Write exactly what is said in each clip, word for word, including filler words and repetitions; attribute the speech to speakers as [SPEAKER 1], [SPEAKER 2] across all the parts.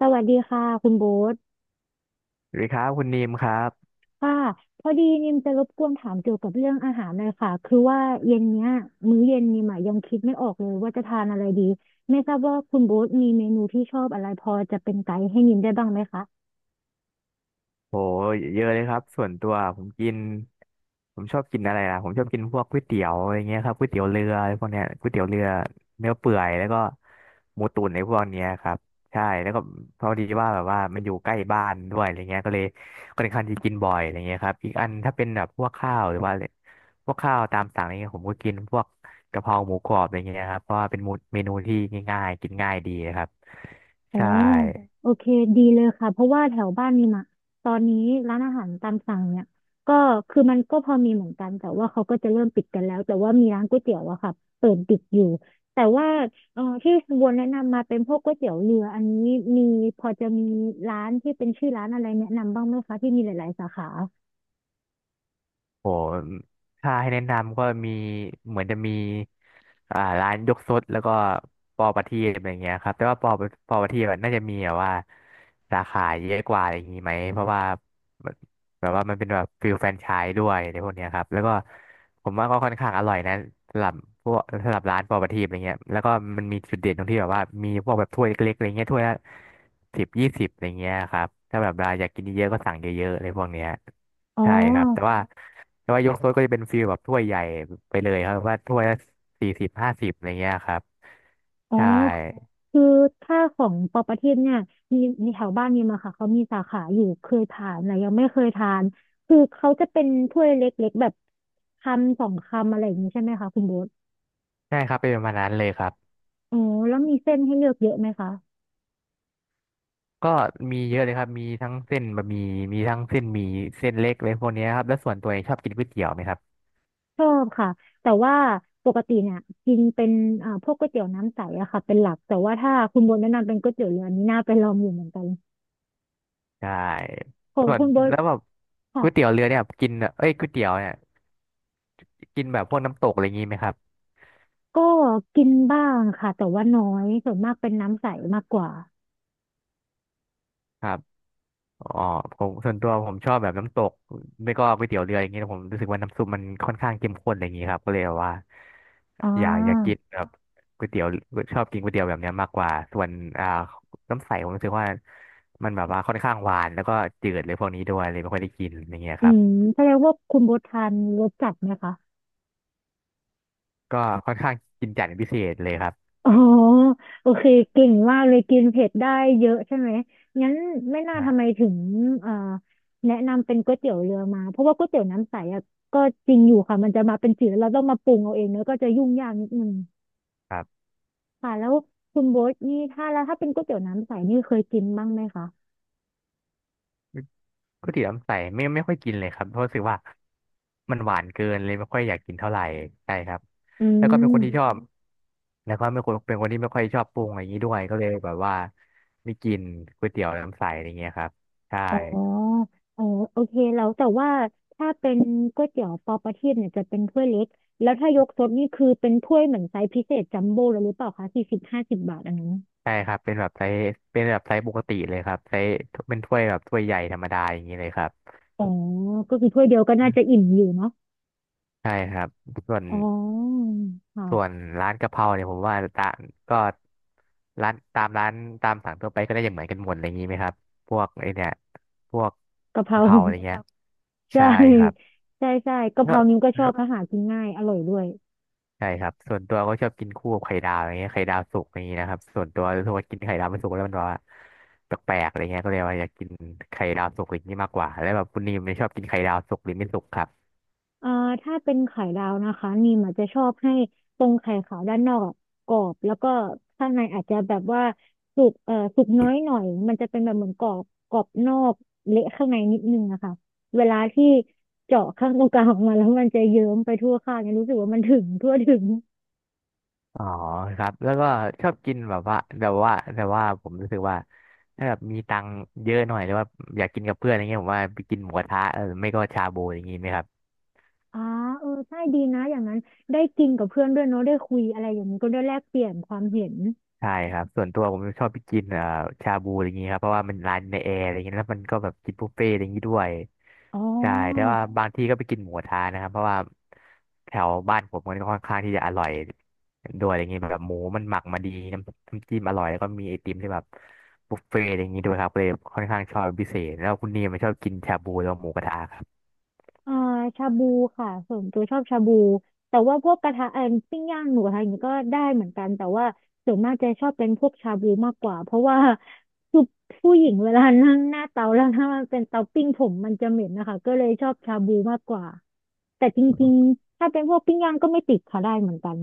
[SPEAKER 1] สวัสดีค่ะคุณโบ๊ท
[SPEAKER 2] สวัสดีครับคุณนีมครับ
[SPEAKER 1] ค่ะพอดีนิมจะรบกวนถามเกี่ยวกับเรื่องอาหารหน่อยค่ะคือว่าเย็นเนี้ยมื้อเย็นนิมอะยังคิดไม่ออกเลยว่าจะทานอะไรดีไม่ทราบว่าคุณโบ๊ทมีเมนูที่ชอบอะไรพอจะเป็นไกด์ให้นิมได้บ้างไหมคะ
[SPEAKER 2] โหเยอะเลยครับส่วนตัวผมกินผมชอบกินอะไรล่ะผมชอบกินพวกก๋วยเตี๋ยวอะไรเงี้ยครับก๋วยเตี๋ยวเรืออะไรพวกเนี้ยก๋วยเตี๋ยวเรือเนื้อเปื่อยแล้วก็หมูตุ๋นในพวกเนี้ยครับใช่แล้วก็พอดีว่าแบบว่ามันอยู่ใกล้บ้านด้วยอะไรเงี้ยก็เลยค่อนข้างที่กินบ่อยอะไรเงี้ยครับอีกอันถ้าเป็นแบบพวกข้าวหรือว่าอะไรพวกข้าวตามสั่งอะไรเงี้ยผมก็กินพวกกะเพราหมูกรอบอะไรเงี้ยครับเพราะว่าเป็นเมนูที่ง่ายๆกินง่ายดีนะครับ
[SPEAKER 1] โอ้
[SPEAKER 2] ใช่
[SPEAKER 1] โอเคดีเลยค่ะเพราะว่าแถวบ้านนี่มอะตอนนี้ร้านอาหารตามสั่งเนี่ยก็คือมันก็พอมีเหมือนกันแต่ว่าเขาก็จะเริ่มปิดกันแล้วแต่ว่ามีร้านก๋วยเตี๋ยวอะค่ะเปิดปิดอยู่แต่ว่าเอ่อที่คุณบัวแนะนำมาเป็นพวกก๋วยเตี๋ยวเรืออันนี้มีพอจะมีร้านที่เป็นชื่อร้านอะไรแนะนำบ้างไหมคะที่มีหลายๆสาขา
[SPEAKER 2] โหถ้าให้แนะนำก็มีเหมือนจะมีอ่าร้านยกซดแล้วก็ปอประทีปอะไรเงี้ยครับ แต่ว่าปอปอประทีปอะน่าจะมีแบบว่าสาขาเยอะกว่าอะไรอย่างงี้ไหม เพราะว่าแบบแบบว่ามันเป็นแบบฟิลแฟรนไชส์ด้วยในพวกเนี้ยครับ แล้วก็ผมว่าก็ค่อนข้างอร่อยนะสำหรับพวกสำหรับร้านปอประทีปอะไรเงี้ย แล้วก็มันมีจุดเด่นตรงที่แบบว่ามีพวกแบบถ้วยเล็กๆอะไรเงี้ยถ้วยละสิบยี่สิบอะไรเงี้ยครับถ้าแบบเราอยากกินเยอะๆก็สั่งเยอะๆอะไรพวกเนี้ย
[SPEAKER 1] อ๋อ
[SPEAKER 2] ใช่ครับแต่ว่า แต่ว่ายกโซดก็จะเป็นฟีลแบบถ้วยใหญ่ไปเลยครับว่าถ้วยละสี่สิบห้าสิบอะไรเงี้ยครับ
[SPEAKER 1] อ๋อ
[SPEAKER 2] ใช่
[SPEAKER 1] คือถ้าของปอประทีปเนี่ยมีมีแถวบ้านมีมาค่ะเขามีสาขาอยู่เคยทานแต่ยังไม่เคยทานคือเขาจะเป็นถ้วยเล็กๆแบบคำสองคำอะไรอย่างนี้ใช่ไหมคะคุณโบ๊ท
[SPEAKER 2] ใช่ครับเป็นประมาณนั้นเลยครับ
[SPEAKER 1] อ๋อแล้วมีเส้นให้เลือกเยอะไหมคะ
[SPEAKER 2] ก็มีเยอะเลยครับมีทั้งเส้นบะหมี่มีทั้งเส้นหมี่เส้นเล็กเลยพวกเนี้ยครับแล้วส่วนตัวเองชอบกินก๋วยเตี๋ยวไหมครับ
[SPEAKER 1] ชอบค่ะแต่ว่าปกติเนี่ยกินเป็นอ่าพวกก๋วยเตี๋ยวน้ำใสอะค่ะเป็นหลักแต่ว่าถ้าคุณโบนแนะนำเป็นก๋วยเตี๋ยวเรืออันนี้น่าไปลองอยู่เหมือนกัน
[SPEAKER 2] ใช่
[SPEAKER 1] ของ
[SPEAKER 2] ส่วน
[SPEAKER 1] คุณโบน
[SPEAKER 2] แล้วแบบ
[SPEAKER 1] ค่ะ
[SPEAKER 2] ก๋วยเตี๋ยวเรือเนี่ยกินเอ้ยก๋วยเตี๋ยวเนี่ยกินแบบพวกน้ำตกอะไรงี้ไหมครับ
[SPEAKER 1] ก็กินบ้างค่ะแต่ว่าน้อยส่วนมากเป็นน้ำใสมากกว่า
[SPEAKER 2] ครับ อ๋อผมส่วนตัวผมชอบแบบน้ำตกไม่ก็ก๋วยเตี๋ยวเรืออย่างเงี้ยผมรู้สึกว่าน้ำซุปมันค่อนข้างเข้มข้นอะไรอย่างงี้ครับก็เลยแบบว่า
[SPEAKER 1] อ่า
[SPEAKER 2] อยากอยากกินแบบก๋วยเตี๋ยวชอบกินก๋วยเตี๋ยวแบบเนี้ยมากกว่าส่วนอ่าน้ำใสผมรู้สึกว่ามันแบบว่าค่อนข้างหวานแล้วก็จืดเลยพวกนี้ด้วยเลยไม่ค่อยได้กินอย่างเงี้ย
[SPEAKER 1] อื
[SPEAKER 2] ครับ
[SPEAKER 1] มแสดงว่าคุณโบททานรสจัดไหมคะ
[SPEAKER 2] ก็ค่อนข้างกินจัดเป็นพิเศษเลยครับ
[SPEAKER 1] อ๋อโอเคเก่งมากเลยกินเผ็ดได้เยอะใช่ไหมงั้นไม่น่า
[SPEAKER 2] อ่
[SPEAKER 1] ทำไม
[SPEAKER 2] า
[SPEAKER 1] ถึงเอ่อแนะนำเป็นก๋วยเตี๋ยวเรือมาเพราะว่าก๋วยเตี๋ยวน้ำใสอะก็จริงอยู่ค่ะมันจะมาเป็นจืดแล้วเราต้องมาปรุงเอาเองเนอะก็จะยุ่งยากนิดนึง
[SPEAKER 2] ครับ
[SPEAKER 1] ค่ะแล้วคุณโบทนี่ถ้าแล้วถ้าเป็นก๋วยเตี๋ยวน้ำใสนี่เคยกินบ้างไหมคะ
[SPEAKER 2] ปกติน้ำใสไม่ไม่ค่อยกินเลยครับเพราะรู้สึกว่ามันหวานเกินเลยไม่ค่อยอยากกินเท่าไหร่ใช่ครับ
[SPEAKER 1] อื
[SPEAKER 2] แล้วก็เป็นคนอืที่ช
[SPEAKER 1] ม
[SPEAKER 2] อมบมแล้วก็เป็นคนเป็นคนที่ไม่ค่อยชอบปรุงอะไรอย่างนี้ด้วยก็เลยแบบว่าไม่กินก๋วยเตี๋ยวน้ำใสอะไรเงี้ยครับใช่
[SPEAKER 1] อ๋อเออโอเคแล้วแต่ว่าถ้าเป็นก๋วยเตี๋ยวปอประทีปเนี่ยจะเป็นถ้วยเล็กแล้วถ้ายกซดนี่คือเป็นถ้วยเหมือนไซส์พิเศษจัมโบ้เลยหรือเปล่าคะสี่สิบห้าสิบบาทอันนั้น
[SPEAKER 2] ใช่ครับเป็นแบบไซส์เป็นแบบไซส์ปกติเลยครับไซส์เป็นถ้วยแบบถ้วยใหญ่ธรรมดาอย่างนี้เลยครับ
[SPEAKER 1] อ๋อก็คือถ้วยเดียวก็น่าจะอิ่มอยู่เนาะ
[SPEAKER 2] ใช่ครับส่วน
[SPEAKER 1] อ๋อ
[SPEAKER 2] ส่วน
[SPEAKER 1] ค่ะ
[SPEAKER 2] ร้านกะเพราเนี่ยผมว่าตาก็ร้านตามร้านตามสั่งทั่วไปก็ได้อย่างเหมือนกันหมดอะไรอย่างนี้ไหมครับพวกไอเนี่ยพวก
[SPEAKER 1] กะเพ
[SPEAKER 2] กะ
[SPEAKER 1] รา
[SPEAKER 2] เพราอะไรเงี้ยอ
[SPEAKER 1] ใช่
[SPEAKER 2] ใช่ครับ
[SPEAKER 1] ใช่ใช่กะเพ
[SPEAKER 2] แล้
[SPEAKER 1] รา
[SPEAKER 2] ว
[SPEAKER 1] นิ้วก็ชอ
[SPEAKER 2] แล้
[SPEAKER 1] บเพ
[SPEAKER 2] ว
[SPEAKER 1] ราะหากินง่ายอร่อยด้วย
[SPEAKER 2] ใช่ครับส่วนตัวก็ชอบกินคู่กับไข่ดาวอะไรเงี้ยไข่ดาวสุกอย่างนี้นะครับส่วนตัวรู้สึกว่ากินไข่ดาวไม่สุกแล้วมันแบบว่าแปลกๆอะไรเงี้ยก็เลยว่าอยากกินไข่ดาวสุกอย่างนี้มากกว่าแล้วแบบคุณนิมเนี่ยชอบกินไข่ดาวสุกหรือไม่สุกครับ
[SPEAKER 1] เอ่าถ้าเป็นไข่ดาวนะคะนีมอาจจะชอบให้ตรงไข่ขาวด้านนอกอะกรอบแล้วก็ข้างในอาจจะแบบว่าสุกเอ่อสุกน้อยหน่อยมันจะเป็นแบบเหมือนกรอบกรอบนอกเละข้างในนิดนึงนะคะเวลาที่เจาะข้างตรงกลางออกมาแล้วมันจะเยิ้มไปทั่วข้างเนี่ยรู้สึกว่ามันถึงทั่วถึง
[SPEAKER 2] อ๋อครับแล้วก็ชอบกินแบบว่าแบบว่าแต่ว่าผมรู้สึกว่าถ้าแบบมีตังค์เยอะหน่อยหรือว่าอยากกินกับเพื่อนอะไรเงี้ยผมว่าไปกินหมูกระทะเออไม่ก็ชาบูอย่างงี้ไหมครับ
[SPEAKER 1] อ่าเออใช่ดีนะอย่างนั้นได้กินกับเพื่อนด้วยเนาะได้คุยอะไรอย่างนี้ก็ได้แลกเปลี่ยนความเห็น
[SPEAKER 2] ใช่ครับส่วนตัวผมชอบไปกินเอ่อชาบูอะไรอย่างงี้ครับเพราะว่ามันร้านในแอร์อะไรอย่างงี้แล้วมันก็แบบกินบุฟเฟ่ต์อะไรอย่างงี้ด้วย
[SPEAKER 1] อ๋อ
[SPEAKER 2] ใช่แต่ว่าบางที่ก็ไปกินหมูกระทะนะครับเพราะว่าแถวบ้านผมมันก็ค่อนข้างที่จะอร่อยด้วยอะไรอย่างงี้แบบหมูมันหมักมาดีน้ำน้ำจิ้มอร่อยแล้วก็มีไอติมที่แบบบุฟเฟ่ต์อะไรอย่างงี้ด้วยครับเลยค่อนข้างชอบเป็นพิเศษแล้วคุณนีมันชอบกินชาบูแล้วหมูกระทะครั
[SPEAKER 1] อ่าชาบูค่ะส่วนตัวชอบชาบูแต่ว่าพวกกระทะเอ่อปิ้งย่างหนูอะไรอย่างเงี้ยก็ได้เหมือนกันแต่ว่าส่วนมากจะชอบเป็นพวกชาบูมากกว่าเพราะว่าคือผู้หญิงเวลานั่งหน้าเตาแล้วถ้ามันเป็นเตาปิ้งผมมันจะเหม็นนะคะก็เลยชอบชาบูมากกว่าแต่จริง
[SPEAKER 2] บ
[SPEAKER 1] ๆถ้าเป็นพวกปิ้งย่างก็ไม่ติดค่ะได้เหมือนกัน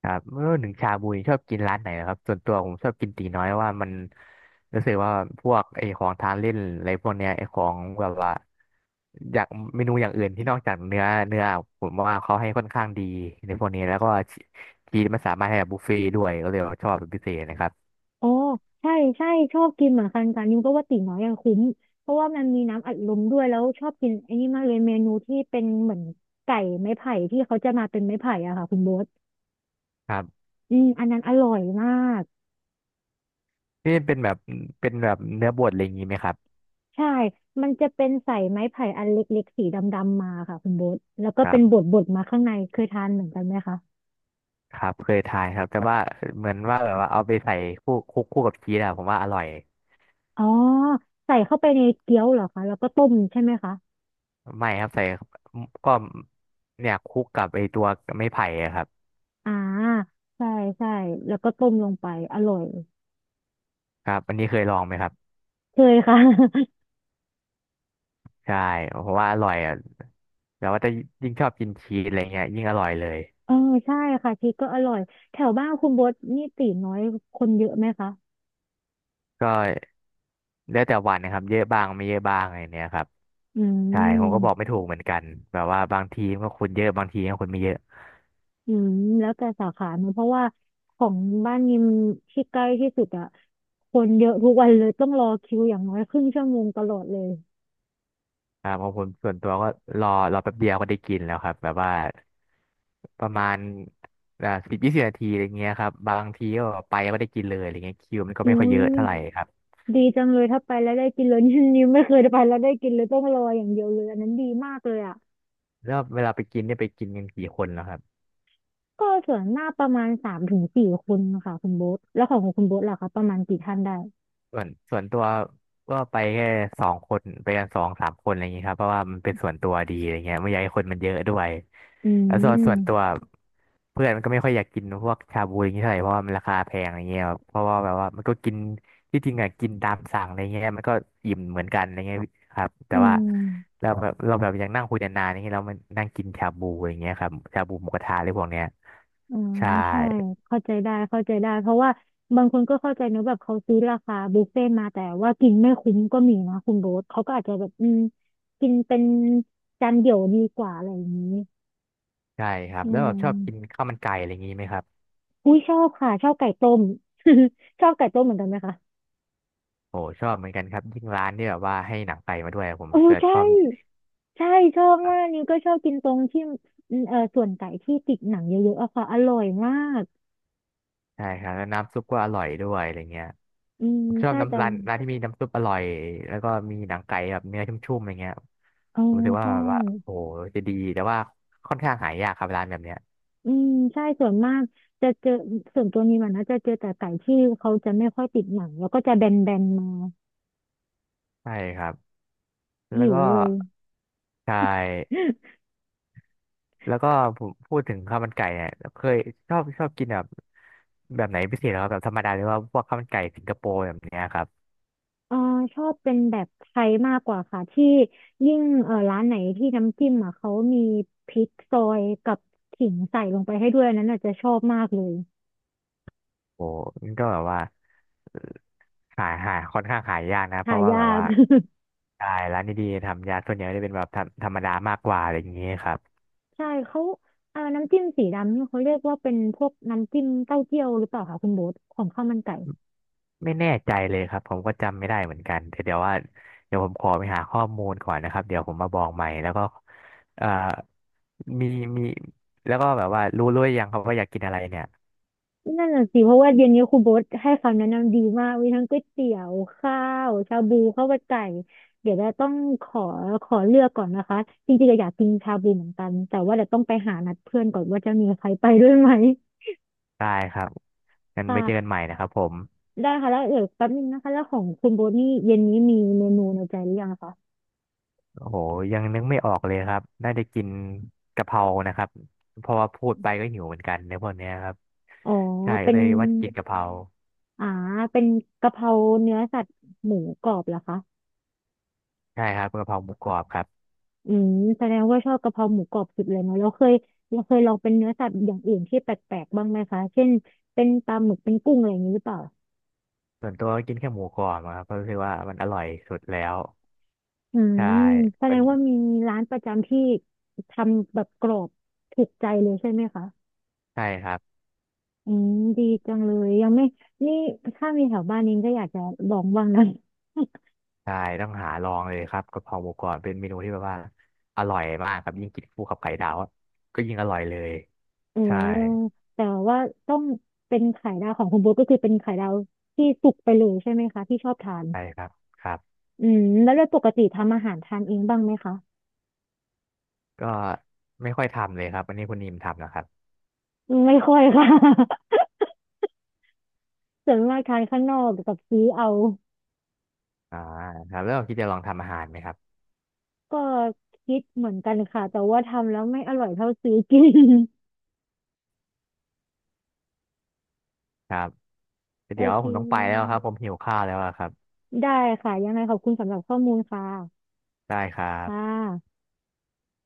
[SPEAKER 2] ครับเมื่อหนึงชาบูนี่ชอบกินร้านไหนเหรอครับส่วนตัวผมชอบกินตีน้อยเพราะว่ามันรู้สึกว่าพวกไอ้ของทานเล่นอะไรพวกเนี้ยไอ้ของแบบว่าอยากเมนูอย่างอื่นที่นอกจากเนื้อเนื้อผมว่าเขาให้ค่อนข้างดีในพวกนี้แล้วก็ชีสมันสามารถให้แบบบุฟเฟ่ต์ด้วยก็เลยว่าชอบเป็นพิเศษนะครับ
[SPEAKER 1] อ๋อใช่ใช่ชอบกินเหมือนกันกันนิวก็ว่าตีน้อยอะคุ้มเพราะว่ามันมีน้ำอัดลมด้วยแล้วชอบกินไอ้นี่มากเลยเมนูที่เป็นเหมือนไก่ไม้ไผ่ที่เขาจะมาเป็นไม้ไผ่อะค่ะคุณโบ๊ท
[SPEAKER 2] ครับ
[SPEAKER 1] อืมอันนั้นอร่อยมาก
[SPEAKER 2] นี่เป็นแบบเป็นแบบเนื้อบดอะไรอย่างนี้ไหมครับ
[SPEAKER 1] ใช่มันจะเป็นใส่ไม้ไผ่อันเล็กๆสีดำๆมาค่ะคุณโบ๊ทแล้วก็
[SPEAKER 2] ครั
[SPEAKER 1] เป็นบ
[SPEAKER 2] บ
[SPEAKER 1] ดๆมาข้างในเคยทานเหมือนกันไหมคะ
[SPEAKER 2] ครับเคยทานครับแต่ว่าเหมือนว่าแบบว่าเอาไปใส่คู่คุกคู่กับชีสอะผมว่าอร่อย
[SPEAKER 1] อ๋อใส่เข้าไปในเกี๊ยวเหรอคะแล้วก็ต้มใช่ไหมคะ
[SPEAKER 2] ไม่ครับใส่ก็เนี่ยคลุกกับไอตัวไม้ไผ่อะครับ
[SPEAKER 1] อ่าใช่ใช่แล้วก็ต้มลงไปอร่อย
[SPEAKER 2] ครับอันนี้เคยลองไหมครับ
[SPEAKER 1] เคยค่ะ
[SPEAKER 2] ใช่เพราะว่าอร่อยอ่ะแต่ว่าจะยิ่งชอบกินชีสอะไรเงี้ยยิ่งอร่อยเลย
[SPEAKER 1] เออใช่ค่ะชีสก็อร่อยแถวบ้านคุณโบทนี่ตีน้อยคนเยอะไหมคะ
[SPEAKER 2] ก็แล้วแต่วันนะครับเยอะบ้างไม่เยอะบ้างอะไรเนี้ยครับ
[SPEAKER 1] อื
[SPEAKER 2] ใช่ผมก็บอกไม่
[SPEAKER 1] ม
[SPEAKER 2] ถูกเหมือนกันแบบว่าบางทีมันก็คนเยอะบางทีก็คนไม่เยอะ
[SPEAKER 1] อืมแล้วแต่สาขาเนอะเพราะว่าของบ้านนิมที่ใกล้ที่สุดอะคนเยอะทุกวันเลยต้องรอคิวอย่างน้อยครึ่งชั่วโมงตลอดเลย
[SPEAKER 2] ครับของผมส่วนตัวก็รอรอแป๊บเดียวก็ได้กินแล้วครับแบบว่าประมาณอ่าสิบยี่สิบนาทีอะไรเงี้ยครับบางทีก็ไปก็ไม่ได้กินเลยอะไรเงี้ยคิวมันก็ไม่
[SPEAKER 1] อุ้
[SPEAKER 2] ค่อยเย
[SPEAKER 1] ย
[SPEAKER 2] อะเท่าไหร่ครับ
[SPEAKER 1] ดีจังเลยถ้าไปแล้วได้กินเลย นี่นิมไม่เคยไปแล้วได้กินเลยต้องรออย่างเดียวเลยอันนั้นดีมากเลยอะ
[SPEAKER 2] แล้วเวลาไปกินเนี่ยไปกินกันกี่คนแล้วครับ
[SPEAKER 1] ก็ส่วนหน้ากประมาณสามถึงสี่คนค่ะคุณโบ๊ทแล้วของคุณโบ๊ทล่ะคะประมาณกี่ท่านได้
[SPEAKER 2] ส่วนส่วนตัวก็ไปแค่สองคนไปกันสองสามคนอะไรอย่างงี้ครับเพราะว่ามันเป็นส่วนตัวดีอะไรเงี้ยไม่อยากให้คนมันเยอะด้วย
[SPEAKER 1] อื
[SPEAKER 2] แล้วส่วนส่วนตัว
[SPEAKER 1] ม
[SPEAKER 2] เพื่อนมันก็ไม่ค่อยอยากกินพวกชาบูอย่างงี้เท่าไหร่เพราะว่ามันราคาแพงอะไรเงี้ยครับเพราะว่าแบบว่ามันก็กินที่จริงอะกินตามสั่งอะไรเงี้ยมันก็อิ่มเหมือนกันอะไรเงี้ยครับแต่
[SPEAKER 1] อื
[SPEAKER 2] ว่า
[SPEAKER 1] ม
[SPEAKER 2] เราแบบเราแบบยังนั่งคุยนานๆอย่างเงี้ยเรามันนั่งกินชาบูอย่างเงี้ยครับชาบูหมูกระทะอะไรพวกเนี้ย
[SPEAKER 1] อ่า
[SPEAKER 2] ใช่
[SPEAKER 1] ใช่เข้าใจได้เข้าใจได้เพราะว่าบางคนก็เข้าใจเนอะแบบเขาซื้อราคาบุฟเฟ่ต์มาแต่ว่ากินไม่คุ้มก็มีนะคุณโบ๊ทเขาก็อาจจะแบบอืมกินเป็นจานเดี่ยวดีกว่าอะไรอย่างนี้
[SPEAKER 2] ใช่ครับ
[SPEAKER 1] อื
[SPEAKER 2] แล้วแบบชอบกิน
[SPEAKER 1] ม
[SPEAKER 2] ข้าวมันไก่อะไรอย่างนี้ไหมครับ
[SPEAKER 1] อุ้ยชอบค่ะชอบไก่ต้ม ชอบไก่ต้มเหมือนกันไหมคะ
[SPEAKER 2] โอ้ชอบเหมือนกันครับยิ่งร้านที่แบบว่าให้หนังไก่มาด้วยผม
[SPEAKER 1] โอ้
[SPEAKER 2] จะช
[SPEAKER 1] ใช่
[SPEAKER 2] อบ
[SPEAKER 1] ใช่ชอบ
[SPEAKER 2] ครั
[SPEAKER 1] มาก
[SPEAKER 2] บ
[SPEAKER 1] นิวก็ชอบกินตรงที่อืมเออส่วนไก่ที่ติดหนังเยอะๆอะค่ะอร่อยมาก
[SPEAKER 2] ใช่ครับแล้วน้ำซุปก็อร่อยด้วยอะไรเงี้ย
[SPEAKER 1] อืม
[SPEAKER 2] ผมชอบ
[SPEAKER 1] ใช่แต่
[SPEAKER 2] น้ำร้านร้านที่มีน้ำซุปอร่อยแล้วก็มีหนังไก่แบบเนื้อชุ่มๆอะไรเงี้ย
[SPEAKER 1] เออ
[SPEAKER 2] ผมรู้สึกว่า
[SPEAKER 1] ใช่
[SPEAKER 2] แบบว่าโอ้จะดีแต่ว่าค่อนข้างหายากครับร้านแบบเนี้ย
[SPEAKER 1] อืมใช่ส่วนมากจะเจอส่วนตัวนี้มันนะจะเจอแต่ไก่ที่เขาจะไม่ค่อยติดหนังแล้วก็จะแบนๆมา
[SPEAKER 2] ใช่ครับแล้
[SPEAKER 1] หิ
[SPEAKER 2] ว
[SPEAKER 1] ว
[SPEAKER 2] ก็
[SPEAKER 1] เลย
[SPEAKER 2] ใช่ แล้วก็ผมพูดถึงข้าวมันไก่เนี่ยเคยชอบชอบกินแบบแบบไหนพิเศษเหรอครับแบบธรรมดาหรือว่าพวกข้าวมันไก่สิงคโปร์แบบเนี้ยครับ
[SPEAKER 1] เออชอบเป็นแบบไทยมากกว่าค่ะที่ยิ่งเออร้านไหนที่น้ำจิ้มอ่ะเขามีพริกซอยกับขิงใส่ลงไปให้ด้วยอันนั้นอาจจะชอบมากเลย
[SPEAKER 2] โอ้มันก็แบบว่าเอ่อหาหาค่อนข้างหายากนะเพ
[SPEAKER 1] หา
[SPEAKER 2] ราะว่าแบ
[SPEAKER 1] ยา
[SPEAKER 2] บ
[SPEAKER 1] ก
[SPEAKER 2] ว่าใช่ร้านดีๆทำยาส่วนใหญ่กจะเป็นแบบธรรมธรรมดามากกว่าอะไรอย่างนี้ครับ
[SPEAKER 1] ใช่เขาเออน้ำจิ้มสีดำนี่เขาเรียกว่าเป็นพวกน้ำจิ้มเต้าเจี้ยวหรือเปล่าคะคุณโบ๊ทของข้าวมันไก่
[SPEAKER 2] ไม่แน่ใจเลยครับผมก็จำไม่ได้เหมือนกันแต่เดี๋ยวว่าเดี๋ยวผมขอไปหาข้อมูลก่อนนะครับเดี๋ยวผมมาบอกใหม่แล้วก็เอ่อมีมีแล้วก็แบบว่ารู้รู้หรือยังครับว่าอยากกินอะไรเนี่ย
[SPEAKER 1] นั่นน่ะสิเพราะว่าเย็นนี้ครูโบ๊ทให้คำแนะนำดีมากมีทั้งก๋วยเตี๋ยวข้าวชาบูข้าวมันไก่เดี๋ยวเราต้องขอขอเลือกก่อนนะคะจริงๆก็อยากกินชาบูเหมือนกันแต่ว่าเดี๋ยวต้องไปหานัดเพื่อนก่อนว่าจะมีใครไปด้วยไหม
[SPEAKER 2] ได้ครับงั้น
[SPEAKER 1] ค่ะ
[SPEAKER 2] ไว้เจอกันใหม่นะครับผม
[SPEAKER 1] ได้ค่ะแล้วเดี๋ยวแป๊บนึงนะคะแล้วของคุณโบ๊ทนี่เย็นนี้มีเมนูในใจหรือยังคะ
[SPEAKER 2] โอ้โหยังนึกไม่ออกเลยครับน่าจะกินกะเพรานะครับเพราะว่าพูดไปก็หิวเหมือนกันในพวกเนี้ยครับ
[SPEAKER 1] อ๋อ
[SPEAKER 2] ใช่
[SPEAKER 1] เป็
[SPEAKER 2] ก็
[SPEAKER 1] น
[SPEAKER 2] เลยว่ากินกะเพรา
[SPEAKER 1] อ่าเป็นกะเพราเนื้อสัตว์หมูกรอบเหรอคะ
[SPEAKER 2] ใช่ครับกะเพราหมูกรอบครับ
[SPEAKER 1] อืมแสดงว่าชอบกะเพราหมูกรอบสุดเลยเนาะเราเคยเราเคยลองเป็นเนื้อสัตว์อย่างอื่นที่แปลกๆบ้างไหมคะเช่นเป็นปลาหมึกเป็นกุ้งอะไรอย่างนี้หรือเปล่า
[SPEAKER 2] ส่วนตัวก็กินแค่หมูกรอบอะครับเพราะรู้สึกว่ามันอร่อยสุดแล้ว
[SPEAKER 1] อื
[SPEAKER 2] ใช่
[SPEAKER 1] มแสด
[SPEAKER 2] เป็น
[SPEAKER 1] งว่ามีร้านประจำที่ทำแบบกรอบถูกใจเลยใช่ไหมคะ
[SPEAKER 2] ใช่ครับ
[SPEAKER 1] อืมดีจังเลยยังไม่นี่ถ้ามีแถวบ้านนี้ก็อยากจะลองบ้างนะ
[SPEAKER 2] ใช่ต้องหาลองเลยครับกะเพราหมูกรอบเป็นเมนูที่แบบว่าอร่อยมากครับยิ่งกินคู่กับไข่ดาวอะก็ยิ่งอร่อยเลย
[SPEAKER 1] เออ
[SPEAKER 2] ใช่
[SPEAKER 1] แต่ว่าต้องเป็นไข่ดาวของคุณโบ๊ทก็คือเป็นไข่ดาวที่สุกไปเลยใช่ไหมคะที่ชอบทาน
[SPEAKER 2] ใช่ครับครับ
[SPEAKER 1] อืมแล้วโดยปกติทำอาหารทานเองบ้างไหมคะ
[SPEAKER 2] ก็ไม่ค่อยทำเลยครับอันนี้คุณนิมทำนะครับ
[SPEAKER 1] ไม่ค่อยค่ะ ส่วนมากทานข้างนอกกับซื้อเอา
[SPEAKER 2] อ่าครับแล้วคิดจะลองทำอาหารไหมครับ
[SPEAKER 1] ก็คิดเหมือนกันค่ะแต่ว่าทำแล้วไม่อร่อยเท่าซื้อกิน
[SPEAKER 2] ครับ
[SPEAKER 1] โอ
[SPEAKER 2] เดี๋ยว
[SPEAKER 1] เค
[SPEAKER 2] ผมต้องไปแล้วครับผมหิวข้าวแล้วอะครับ
[SPEAKER 1] ได้ค่ะยังไงขอบคุณสำหรับข้อมูลค่ะ
[SPEAKER 2] ได้ครั
[SPEAKER 1] ค่ะ
[SPEAKER 2] บ